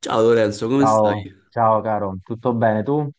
Ciao Lorenzo, come Ciao, stai? ciao caro, tutto bene tu?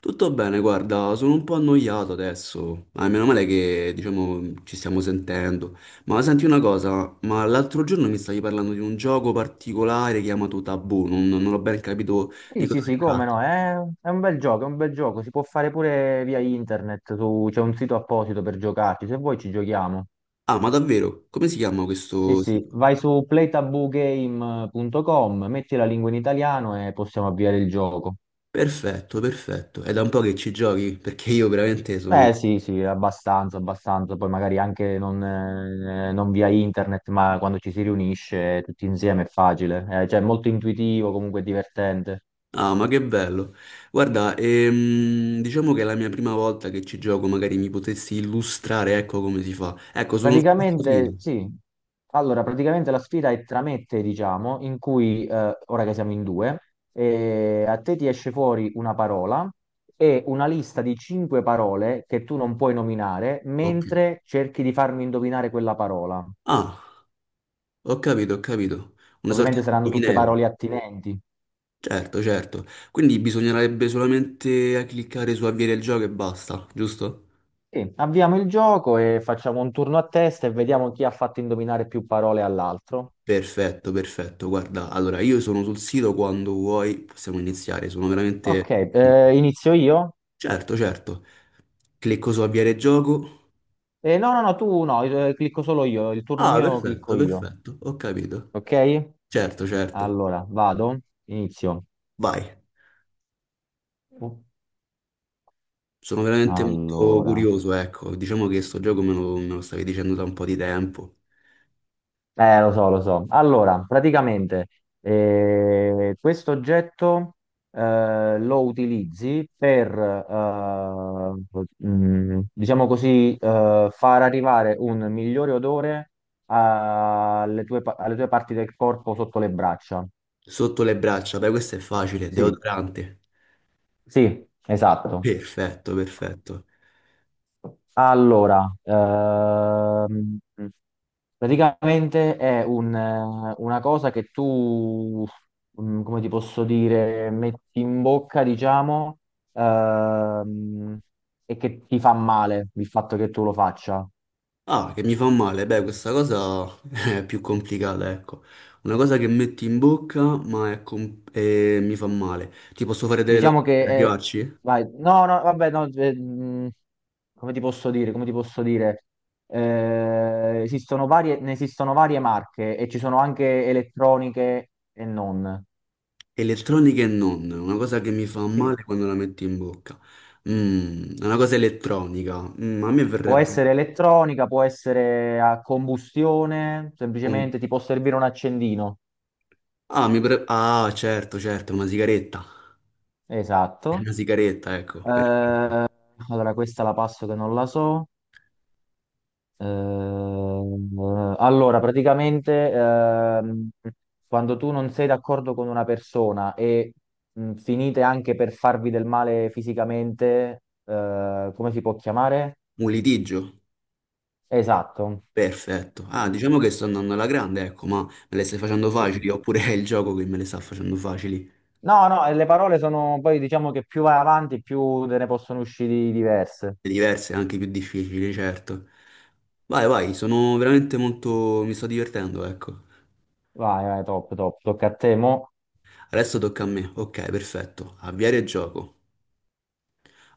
Tutto bene, guarda, sono un po' annoiato adesso. Ah, meno male che, diciamo, ci stiamo sentendo. Ma senti una cosa, ma l'altro giorno mi stavi parlando di un gioco particolare chiamato Tabù, non ho ben capito di Sì, cosa sì, sì, si come tratta. no, è un bel gioco, è un bel gioco, si può fare pure via internet, c'è un sito apposito per giocarci, se vuoi ci giochiamo. Ah, ma davvero? Come si chiama Sì, questo sì, sito? vai su playtabugame.com, metti la lingua in italiano e possiamo avviare il gioco. Perfetto, perfetto. È da un po' che ci giochi, perché io veramente sono. Beh, sì, sì, abbastanza, abbastanza, poi magari anche non via internet, ma quando ci si riunisce tutti insieme è facile. Cioè è molto intuitivo, comunque è divertente. Ah, ma che bello. Guarda, diciamo che è la mia prima volta che ci gioco, magari mi potessi illustrare, ecco come si fa. Ecco, sono sfuggito. Praticamente sì, allora praticamente la sfida è tra me e te, diciamo, in cui ora che siamo in due, a te ti esce fuori una parola e una lista di cinque parole che tu non puoi nominare Ok. mentre cerchi di farmi indovinare quella parola. Ah, ho capito, ho capito. Una Ovviamente sorta di saranno tutte indovinello. parole attinenti. Certo, certo. Quindi bisognerebbe solamente a cliccare su avviare il gioco e basta, giusto? Sì, avviamo il gioco e facciamo un turno a testa e vediamo chi ha fatto indovinare più parole all'altro. Perfetto, perfetto. Guarda, allora io sono sul sito quando vuoi, possiamo iniziare. Sono veramente... Ok, inizio io? Certo, certo. Clicco su avviare gioco. No, no, no, tu no, clicco solo io, il turno Ah, mio clicco perfetto, io. perfetto, ho capito. Ok? Certo, certo. Allora, vado, inizio. Vai. Sono veramente molto Allora, curioso, ecco. Diciamo che sto gioco me lo stavi dicendo da un po' di tempo. Lo so, lo so. Allora, praticamente, questo oggetto lo utilizzi per, diciamo così, far arrivare un migliore odore alle tue parti del corpo sotto le braccia. Sotto le braccia, beh, questo è facile, Sì, deodorante. sì, esatto. Perfetto, perfetto. Allora, praticamente è una cosa che tu, come ti posso dire, metti in bocca, diciamo, ehm, e che ti fa male il fatto che tu lo faccia. Ah, che mi fa male, beh, questa cosa è più complicata, ecco. Una cosa che metti in bocca, ma è e mi fa male. Ti posso fare delle Diciamo domande che per è. arrivarci? Vai, no, no, vabbè, no, come ti posso dire, come ti posso dire? Ne esistono varie marche e ci sono anche elettroniche e non. Elettronica e non, una cosa che mi fa Sì. male quando la metto in bocca. Una cosa elettronica. A me Può verrebbe... essere elettronica, può essere a combustione, con- semplicemente ti può servire un accendino. Ah, mi ah, certo, certo, una sigaretta. Esatto. Una sigaretta, ecco, Eh, perfetto. allora, questa la passo che non la so. Allora, praticamente, quando tu non sei d'accordo con una persona e finite anche per farvi del male fisicamente, come si può chiamare? Un litigio? Esatto. Perfetto. Ah, diciamo Ok. che sto andando alla grande, ecco, ma me le stai facendo Sì, facili, sì. oppure è il gioco che me le sta facendo facili. No, no, e le parole sono poi diciamo che più vai avanti, più te ne possono uscire diverse. Diverse, anche più difficili, certo. Vai, vai, sono veramente molto... mi sto divertendo, ecco. Vai, vai, top, top. Tocca a te, mo. Adesso tocca a me. Ok, perfetto. Avviare il gioco.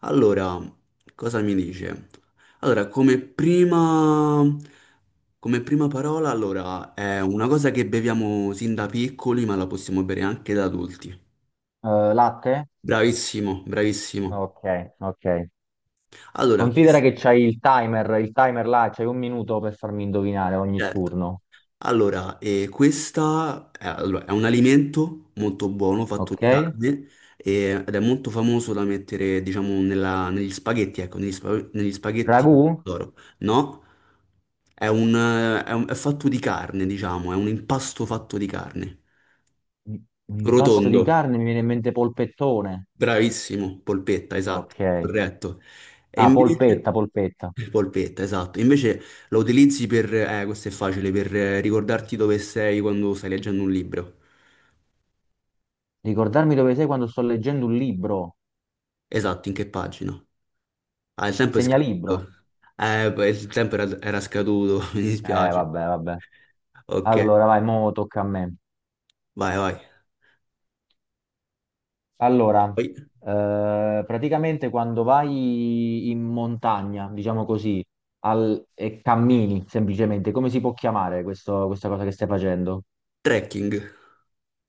Allora, cosa mi dice? Allora, come prima parola, allora, è una cosa che beviamo sin da piccoli, ma la possiamo bere anche da adulti. Latte? Bravissimo, bravissimo. Ok, ok. Allora, Considera questo, che c'hai il timer là, c'hai 1 minuto per farmi indovinare ogni certo. turno. Allora, questa è, allora, è un alimento molto buono, fatto Ok? di carne, ed è molto famoso da mettere, diciamo, negli spaghetti, ecco, negli spaghetti Ragù? d'oro. No, è fatto di carne, diciamo, è un impasto fatto di carne. Un impasto Rotondo, di carne, mi viene in mente polpettone. bravissimo, polpetta, esatto, Ok. corretto. E Ah, invece... polpetta, polpetta. Polpetta, esatto. Invece la utilizzi per... Questo è facile, per ricordarti dove sei quando stai leggendo un libro. Ricordarmi dove sei quando sto leggendo un libro. Esatto, in che pagina? Ah, il tempo è Segnalibro. scaduto. Beh, il tempo era scaduto, mi dispiace. Vabbè, vabbè. Ok, Allora, vai, mo tocca a me. vai, vai. Allora, Poi, praticamente quando vai in montagna, diciamo così, e cammini semplicemente, come si può chiamare questa cosa che stai facendo? trekking.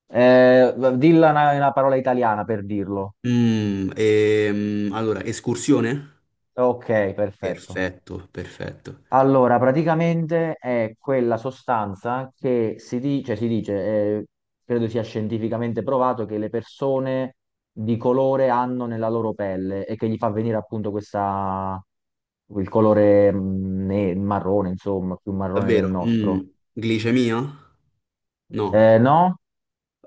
Dilla una parola italiana per dirlo. Allora, escursione? Ok, perfetto. Perfetto, perfetto. Allora, praticamente è quella sostanza che si dice, credo sia scientificamente provato, che le persone di colore hanno nella loro pelle e che gli fa venire appunto questa, il colore marrone, insomma, più marrone del Davvero? Nostro. Glicemia? No. No?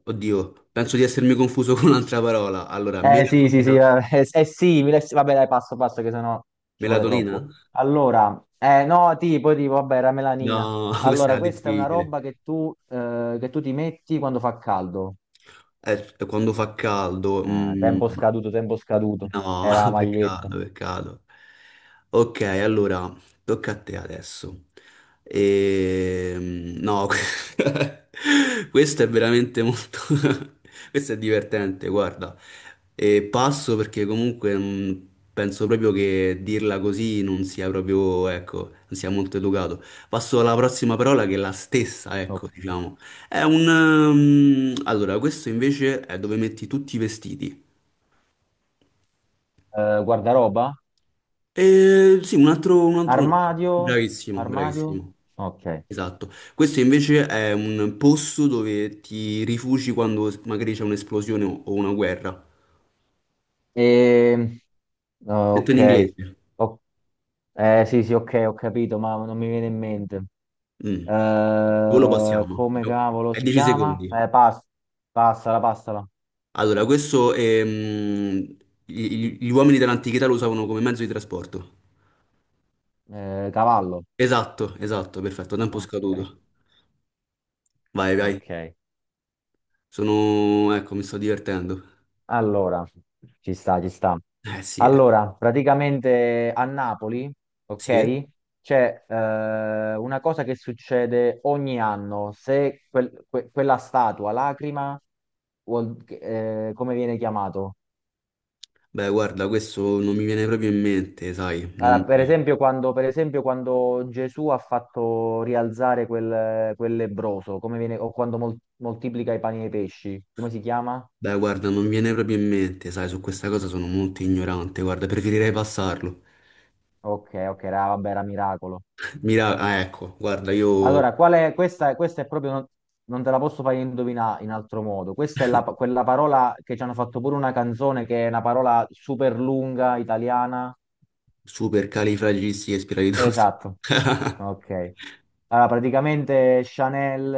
Oddio, penso di essermi confuso con un'altra parola. Allora, Eh sì, sì, sì, melatonina? è simile, sì, vabbè dai, passo passo che sennò ci vuole Melatonina? troppo. Allora, no, tipo, vabbè, era melanina. No, questa Allora, era questa è una difficile. roba che che tu ti metti quando fa caldo. Quando fa caldo, Ah, tempo scaduto, tempo scaduto. no, Era la maglietta. peccato, peccato. Ok, allora, tocca a te adesso. No, questo è veramente molto... questo è divertente, guarda. E passo perché comunque penso proprio che dirla così non sia proprio, ecco, non sia molto educato. Passo alla prossima parola che è la stessa, ecco, Ok. diciamo. Allora, questo invece è dove metti tutti i vestiti. Guardaroba? Sì, un altro nome. Armadio? Bravissimo, Armadio? bravissimo. Ok. Esatto. Questo invece è un posto dove ti rifugi quando magari c'è un'esplosione o una guerra. E... Detto in ok. inglese. Ok. Eh sì, sì, ok, ho capito, ma non mi viene in mente. Mm. Dove lo Eh, passiamo? come cavolo È si 10 chiama? secondi. Passala, passala. Allora, questo gli uomini dell'antichità lo usavano come mezzo di trasporto. Cavallo. Esatto, esatto, perfetto. Tempo No. Ok, scaduto. Vai, vai. ok. Sono... Ecco, mi sto divertendo. Allora, ci sta, ci sta. Eh sì, eh. Allora, praticamente a Napoli, Sì. Eh. ok, c'è una cosa che succede ogni anno. Se quella statua, lacrima, come viene chiamato? Beh, guarda, questo non mi viene proprio in mente, sai, non... Ah, per esempio, quando Gesù ha fatto rialzare quel lebbroso, come viene, o quando moltiplica i pani e i pesci, come si chiama? Beh, guarda, non mi viene proprio in mente, sai, su questa cosa sono molto ignorante, guarda, preferirei passarlo. Ok, ok, era, vabbè, era miracolo. Mira... Ah, ecco, guarda, io Allora, qual è, questa è proprio, non te la posso fare indovinare in altro modo. Questa è quella parola che ci hanno fatto pure una canzone, che è una parola super lunga, italiana. super califragilisticexpialidocious. Esatto, ok. Allora, praticamente Chanel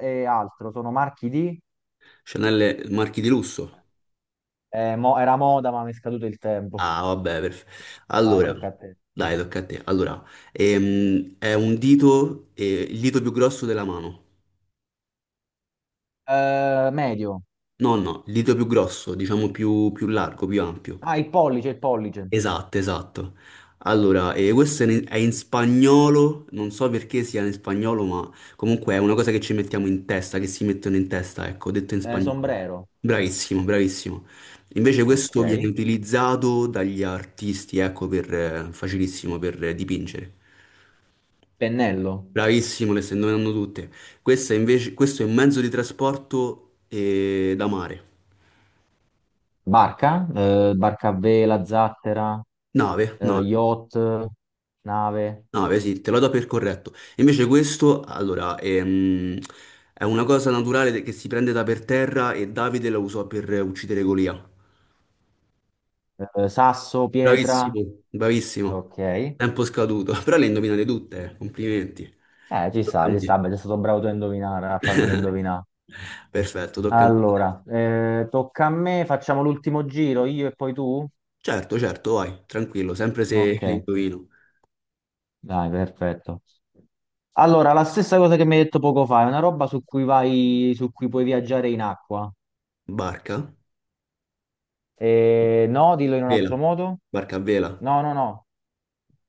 e altro sono marchi di. Chanel marchi di lusso. Era moda, ma mi è scaduto il tempo. Ah, vabbè, perfetto. Vai, Allora, tocca a te. dai, tocca a te. Allora, è un dito, il dito più grosso della mano. Medio. No, no, il dito più grosso, diciamo più largo, più ampio. Ah, il pollice, il pollice. Esatto, esatto. Allora, questo è in, spagnolo, non so perché sia in spagnolo, ma comunque è una cosa che ci mettiamo in testa, che si mettono in testa, ecco, detto in spagnolo. Sombrero. Bravissimo, bravissimo. Invece Ok. questo viene utilizzato dagli artisti, ecco, per, facilissimo per dipingere. Pennello. Bravissimo, le stai indovinando tutte. Questo è invece, questo è un mezzo di trasporto da mare. Barca. Barca a vela, zattera, Nave, nave. yacht, nave, No, beh, sì, te lo do per corretto. Invece questo, allora, è una cosa naturale che si prende da per terra e Davide la usò per uccidere Golia. Sasso, pietra. Bravissimo, bravissimo. Ok. Tempo scaduto. Però le indovinate tutte, complimenti. Ci Tocca a sta, ci me. sta. Beh, sei stato bravo tu a indovinare, a farmela indovinare. Perfetto, tocca a me. Allora, tocca a me, facciamo l'ultimo giro, io e poi tu? Certo, certo, vai, tranquillo, sempre se Ok. le indovino. Dai, perfetto. Allora, la stessa cosa che mi hai detto poco fa, è una roba su cui puoi viaggiare in acqua. Barca, No, dillo in un altro vela, modo. barca a vela. No, no, no.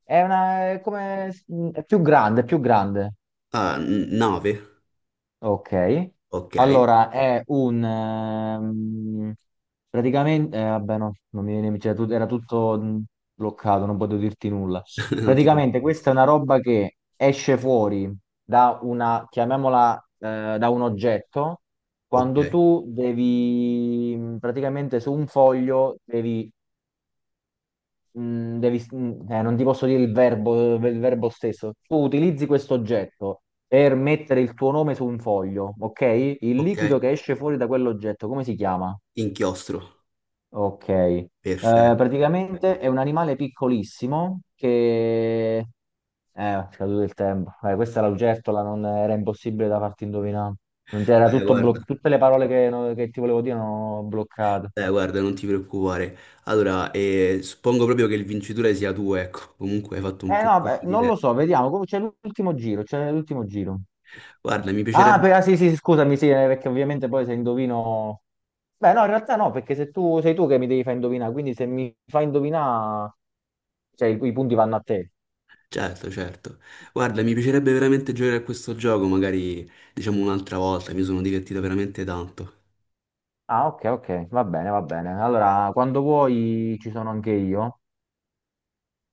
È una, è come, è più grande, è più grande. Ah, nave, Ok, ok. allora è un praticamente, vabbè, no, non mi viene, cioè, era tutto bloccato, non potevo dirti nulla. Non ti Praticamente, preoccupare. questa è una roba che esce fuori chiamiamola, da un oggetto. Ok, Quando tu devi, praticamente su un foglio, devi non ti posso dire il verbo stesso. Tu utilizzi questo oggetto per mettere il tuo nome su un foglio, ok? Il liquido che ok. esce fuori da quell'oggetto, come si chiama? Inchiostro, Ok. Eh, perfetto. praticamente è un animale piccolissimo che. È scaduto il tempo. Questa era l'ugertola, non era impossibile da farti indovinare. Non c'era Guarda, tutte le parole che, no- che ti volevo dire erano bloccate. Guarda, non ti preoccupare. Allora, suppongo proprio che il vincitore sia tu, ecco. Comunque hai fatto un Eh no, beh, punteggio di non lo 7. so, vediamo. C'è l'ultimo giro, c'è l'ultimo giro. Guarda, mi Ah, piacerebbe... ah, sì, sì, scusami, sì, perché ovviamente poi se indovino. Beh, no, in realtà no, perché se tu sei tu che mi devi far indovinare, quindi se mi fai indovinare, cioè i punti vanno a te. Certo, certo. Guarda, mi piacerebbe veramente giocare a questo gioco, magari diciamo un'altra volta, mi sono divertito veramente tanto. Ah, ok, ok, va bene, va bene. Allora, quando vuoi ci sono anche io.